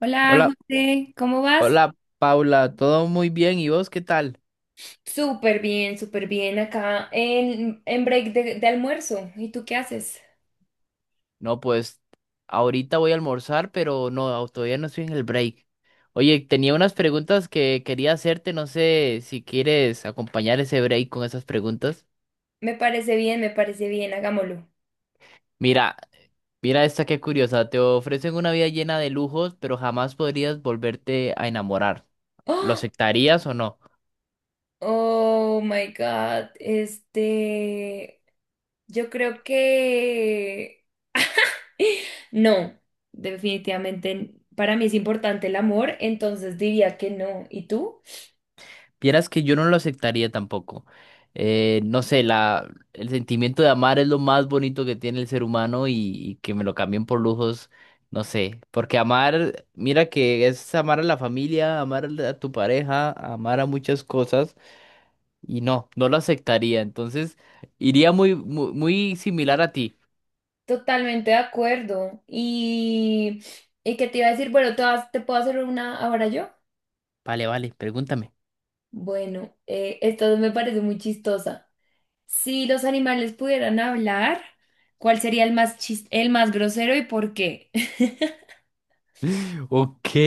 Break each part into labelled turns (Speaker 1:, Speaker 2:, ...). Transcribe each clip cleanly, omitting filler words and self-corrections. Speaker 1: Hola,
Speaker 2: Hola,
Speaker 1: José, ¿cómo vas?
Speaker 2: hola Paula, todo muy bien, ¿y vos qué tal?
Speaker 1: Súper bien acá en break de almuerzo. ¿Y tú qué haces?
Speaker 2: No, pues ahorita voy a almorzar, pero no, todavía no estoy en el break. Oye, tenía unas preguntas que quería hacerte, no sé si quieres acompañar ese break con esas preguntas.
Speaker 1: Me parece bien, hagámoslo.
Speaker 2: Mira, mira esta qué curiosa, te ofrecen una vida llena de lujos, pero jamás podrías volverte a enamorar. ¿Lo
Speaker 1: ¡Oh!
Speaker 2: aceptarías o no?
Speaker 1: Oh my God, yo creo que no, definitivamente para mí es importante el amor, entonces diría que no. ¿Y tú?
Speaker 2: Vieras que yo no lo aceptaría tampoco. No sé, el sentimiento de amar es lo más bonito que tiene el ser humano y que me lo cambien por lujos, no sé. Porque amar, mira que es amar a la familia, amar a tu pareja, amar a muchas cosas y no, no lo aceptaría. Entonces, iría muy, muy, muy similar a ti.
Speaker 1: Totalmente de acuerdo. Y qué te iba a decir? Bueno, te puedo hacer una ahora yo.
Speaker 2: Vale, vale, pregúntame.
Speaker 1: Bueno, esto me parece muy chistosa. Si los animales pudieran hablar, ¿cuál sería el más el más grosero y por qué?
Speaker 2: Ok,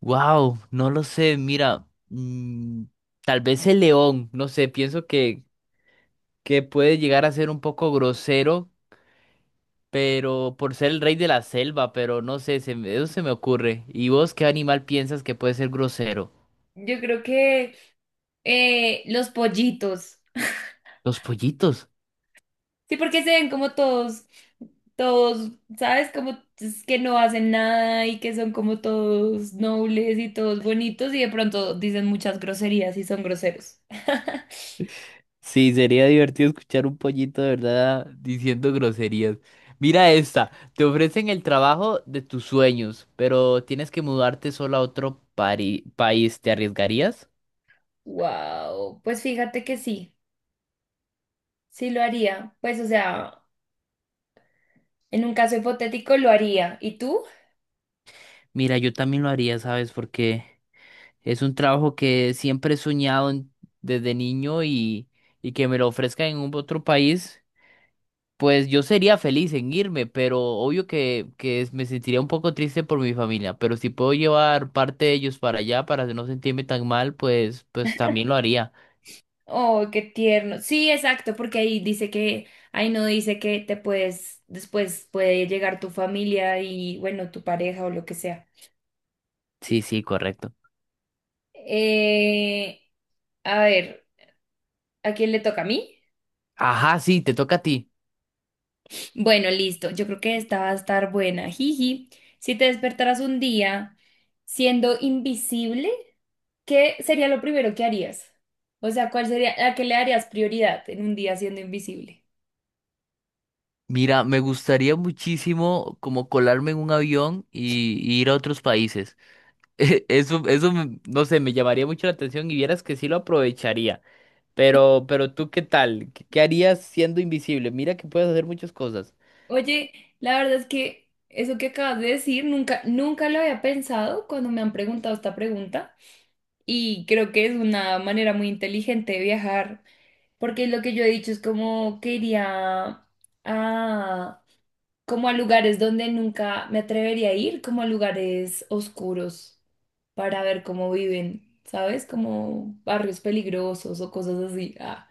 Speaker 2: wow, no lo sé, mira, tal vez el león, no sé, pienso que puede llegar a ser un poco grosero, pero por ser el rey de la selva, pero no sé, eso se me ocurre. ¿Y vos qué animal piensas que puede ser grosero?
Speaker 1: Yo creo que los pollitos.
Speaker 2: Los pollitos.
Speaker 1: Sí, porque se ven como todos, todos, ¿sabes? Como es que no hacen nada y que son como todos nobles y todos bonitos y de pronto dicen muchas groserías y son groseros.
Speaker 2: Sí, sería divertido escuchar un pollito de verdad diciendo groserías. Mira esta, te ofrecen el trabajo de tus sueños, pero tienes que mudarte solo a otro país, ¿te arriesgarías?
Speaker 1: Wow, pues fíjate que sí, sí lo haría. Pues o sea. En un caso hipotético lo haría. ¿Y tú?
Speaker 2: Mira, yo también lo haría, ¿sabes por qué? Es un trabajo que siempre he soñado desde niño y que me lo ofrezcan en un otro país, pues yo sería feliz en irme, pero obvio me sentiría un poco triste por mi familia, pero si puedo llevar parte de ellos para allá para no sentirme tan mal, pues, pues también lo haría.
Speaker 1: Oh, qué tierno. Sí, exacto, porque ahí dice que, ahí no dice que te puedes, después puede llegar tu familia y, bueno, tu pareja o lo que sea.
Speaker 2: Sí, sí, correcto.
Speaker 1: Eh, a ver, ¿a quién le toca a mí?
Speaker 2: Ajá, sí, te toca a ti.
Speaker 1: Bueno, listo. Yo creo que esta va a estar buena. Jiji, si te despertaras un día siendo invisible, ¿qué sería lo primero que harías? O sea, ¿cuál sería, a qué le darías prioridad en un día siendo invisible?
Speaker 2: Mira, me gustaría muchísimo como colarme en un avión y ir a otros países. Eso, eso, no sé, me llamaría mucho la atención y vieras que sí lo aprovecharía. Pero tú, ¿qué tal? ¿Qué harías siendo invisible? Mira que puedes hacer muchas cosas.
Speaker 1: Oye, la verdad es que eso que acabas de decir nunca, nunca lo había pensado cuando me han preguntado esta pregunta y creo que es una manera muy inteligente de viajar, porque lo que yo he dicho es como que iría a, como a lugares donde nunca me atrevería a ir, como a lugares oscuros para ver cómo viven, ¿sabes? Como barrios peligrosos o cosas así. Ah,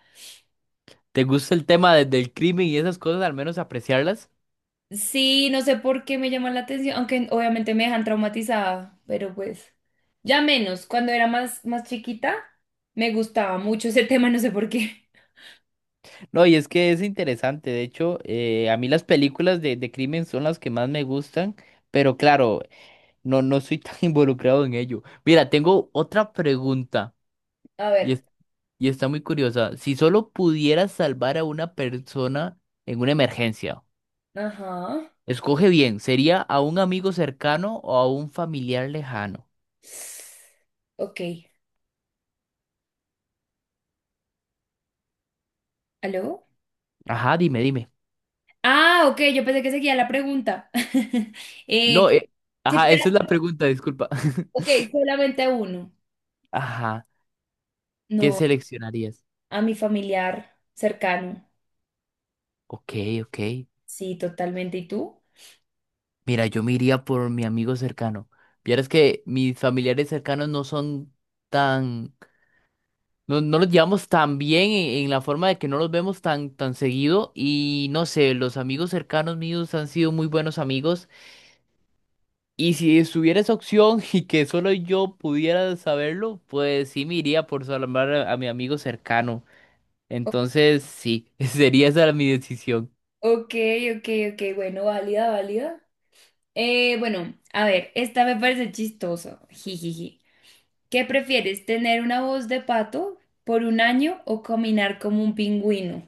Speaker 2: ¿Te gusta el tema del crimen y esas cosas, al menos apreciarlas?
Speaker 1: sí, no sé por qué me llama la atención, aunque obviamente me dejan traumatizada, pero pues ya menos. Cuando era más, más chiquita, me gustaba mucho ese tema, no sé por qué.
Speaker 2: No, y es que es interesante. De hecho, a mí las películas de crimen son las que más me gustan, pero claro, no, no soy tan involucrado en ello. Mira, tengo otra pregunta
Speaker 1: A
Speaker 2: y,
Speaker 1: ver,
Speaker 2: es- y está muy curiosa. Si solo pudieras salvar a una persona en una emergencia,
Speaker 1: ajá.
Speaker 2: escoge bien, ¿sería a un amigo cercano o a un familiar lejano?
Speaker 1: Ok, ¿aló?
Speaker 2: Ajá, dime, dime.
Speaker 1: Ah, ok, yo pensé que seguía la pregunta. eh,
Speaker 2: No,
Speaker 1: sí,
Speaker 2: ajá, esa es la pregunta, disculpa.
Speaker 1: ok, solamente a uno.
Speaker 2: Ajá, ¿qué
Speaker 1: No,
Speaker 2: seleccionarías?
Speaker 1: a mi familiar cercano.
Speaker 2: Ok, ok.
Speaker 1: Sí, totalmente. ¿Y tú?
Speaker 2: Mira, yo me iría por mi amigo cercano. Vieras que mis familiares cercanos no son tan, no, no los llevamos tan bien en la forma de que no los vemos tan, tan seguido y no sé, los amigos cercanos míos han sido muy buenos amigos y si estuviera esa opción y que solo yo pudiera saberlo, pues sí me iría por salvar a mi amigo cercano.
Speaker 1: O-
Speaker 2: Entonces, sí, sería esa mi decisión.
Speaker 1: ok, ok, ok, bueno, válida, válida. Bueno, a ver, esta me parece chistoso. Jijiji. ¿Qué prefieres, tener una voz de pato por un año o caminar como un pingüino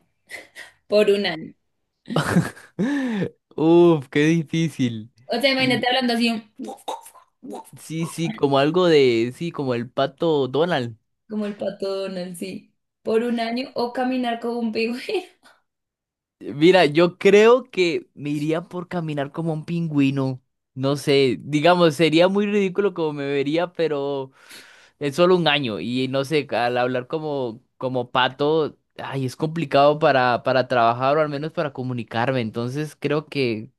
Speaker 1: por un año?
Speaker 2: Uf, qué difícil.
Speaker 1: O sea, imagínate
Speaker 2: Y
Speaker 1: hablando así, un
Speaker 2: sí, sí, como algo de, sí, como el pato Donald.
Speaker 1: como el pato Donald, sí, por un año o caminar como un pingüino.
Speaker 2: Mira, yo creo que me iría por caminar como un pingüino. No sé, digamos, sería muy ridículo como me vería, pero es solo un año. Y no sé, al hablar como, como pato, ay, es complicado para trabajar o al menos para comunicarme. Entonces creo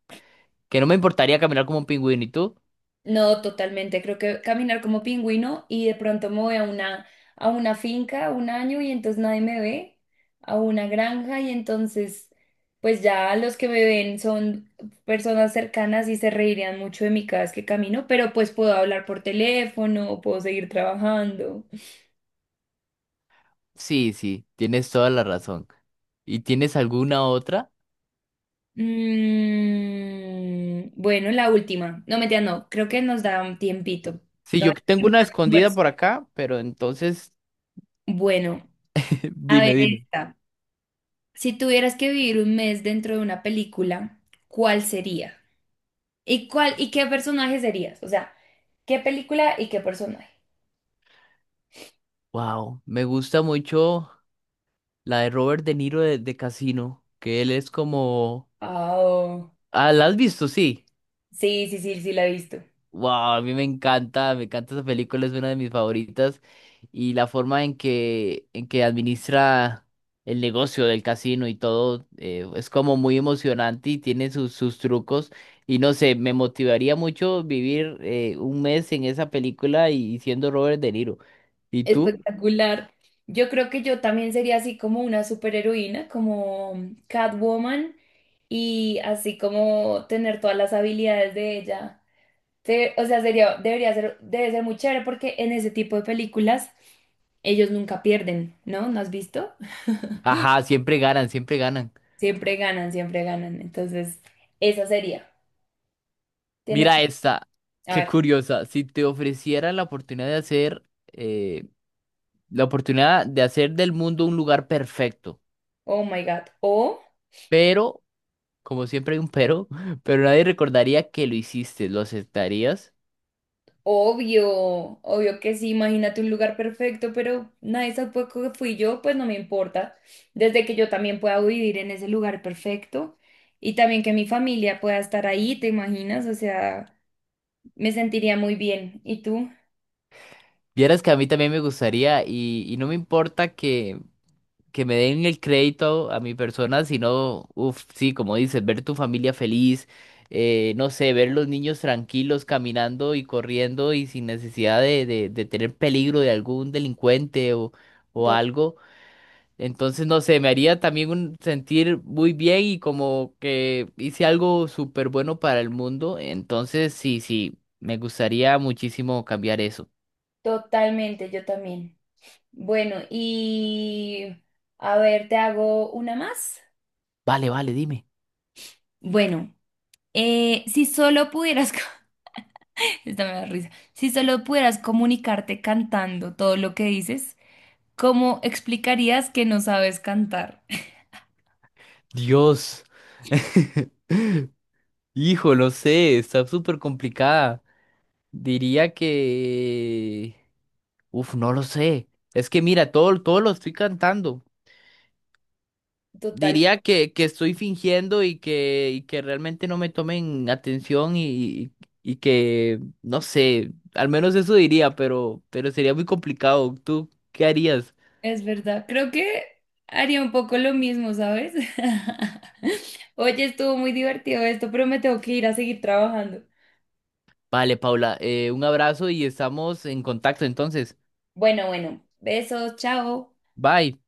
Speaker 2: que no me importaría caminar como un pingüino. ¿Y tú?
Speaker 1: No, totalmente. Creo que caminar como pingüino y de pronto me voy a una finca un año y entonces nadie me ve, a una granja y entonces pues ya los que me ven son personas cercanas y se reirían mucho de mí cada vez que camino, pero pues puedo hablar por teléfono, puedo seguir trabajando.
Speaker 2: Sí, sí, tienes toda la razón. ¿Y tienes alguna otra?
Speaker 1: Mm, bueno, la última. No, mentira, no. Creo que nos da un tiempito.
Speaker 2: Sí, yo
Speaker 1: Todavía no
Speaker 2: tengo
Speaker 1: tenemos
Speaker 2: una escondida
Speaker 1: almuerzo.
Speaker 2: por acá, pero entonces,
Speaker 1: Bueno, a
Speaker 2: dime,
Speaker 1: ver
Speaker 2: dime.
Speaker 1: esta. Si tuvieras que vivir un mes dentro de una película, ¿cuál sería? ¿Y cuál y qué personaje serías? O sea, ¿qué película y qué personaje?
Speaker 2: Wow, me gusta mucho la de Robert De Niro de Casino, que él es como...
Speaker 1: Oh,
Speaker 2: Ah, ¿la has visto? Sí.
Speaker 1: sí, sí, sí, sí la he visto.
Speaker 2: Wow, a mí me encanta esa película, es una de mis favoritas. Y la forma en que administra el negocio del casino y todo, es como muy emocionante y tiene sus, sus trucos. Y no sé, me motivaría mucho vivir un mes en esa película y siendo Robert De Niro. ¿Y tú?
Speaker 1: Espectacular. Yo creo que yo también sería así como una superheroína, como Catwoman, y así como tener todas las habilidades de ella. O sea, sería, debería ser, debe ser muy chévere porque en ese tipo de películas ellos nunca pierden, ¿no? ¿No has visto?
Speaker 2: Ajá, siempre ganan, siempre ganan.
Speaker 1: Siempre ganan, siempre ganan. Entonces, esa sería. Tienes,
Speaker 2: Mira esta,
Speaker 1: a
Speaker 2: qué
Speaker 1: ver,
Speaker 2: curiosa. Si te ofreciera la oportunidad de eh, la oportunidad de hacer del mundo un lugar perfecto.
Speaker 1: oh my God. O,
Speaker 2: Pero, como siempre hay un pero, pero nadie recordaría que lo hiciste, ¿lo aceptarías?
Speaker 1: obvio, obvio que sí, imagínate un lugar perfecto, pero nadie supo que fui yo, pues no me importa. Desde que yo también pueda vivir en ese lugar perfecto y también que mi familia pueda estar ahí, ¿te imaginas? O sea, me sentiría muy bien. ¿Y tú?
Speaker 2: Vieras que a mí también me gustaría y no me importa que me den el crédito a mi persona, sino, uff, sí, como dices, ver tu familia feliz, no sé, ver los niños tranquilos caminando y corriendo y sin necesidad de tener peligro de algún delincuente o
Speaker 1: To-
Speaker 2: algo. Entonces, no sé, me haría también un, sentir muy bien y como que hice algo súper bueno para el mundo. Entonces, sí, sí, me gustaría muchísimo cambiar eso.
Speaker 1: totalmente, yo también. Bueno, y a ver, te hago una más.
Speaker 2: Vale, vale, dime.
Speaker 1: Bueno. Si solo esta me da risa, si solo pudieras comunicarte cantando todo lo que dices, ¿cómo explicarías que no sabes cantar?
Speaker 2: Dios. Hijo, no sé, está súper complicada. Diría que... Uf, no lo sé. Es que mira, todo lo estoy cantando.
Speaker 1: Total,
Speaker 2: Diría que estoy fingiendo y que realmente no me tomen atención y que, no sé, al menos eso diría, pero sería muy complicado. ¿Tú qué harías?
Speaker 1: es verdad. Creo que haría un poco lo mismo, ¿sabes? Oye, estuvo muy divertido esto, pero me tengo que ir a seguir trabajando.
Speaker 2: Vale, Paula, un abrazo y estamos en contacto entonces.
Speaker 1: Bueno, bueno, besos, chao.
Speaker 2: Bye.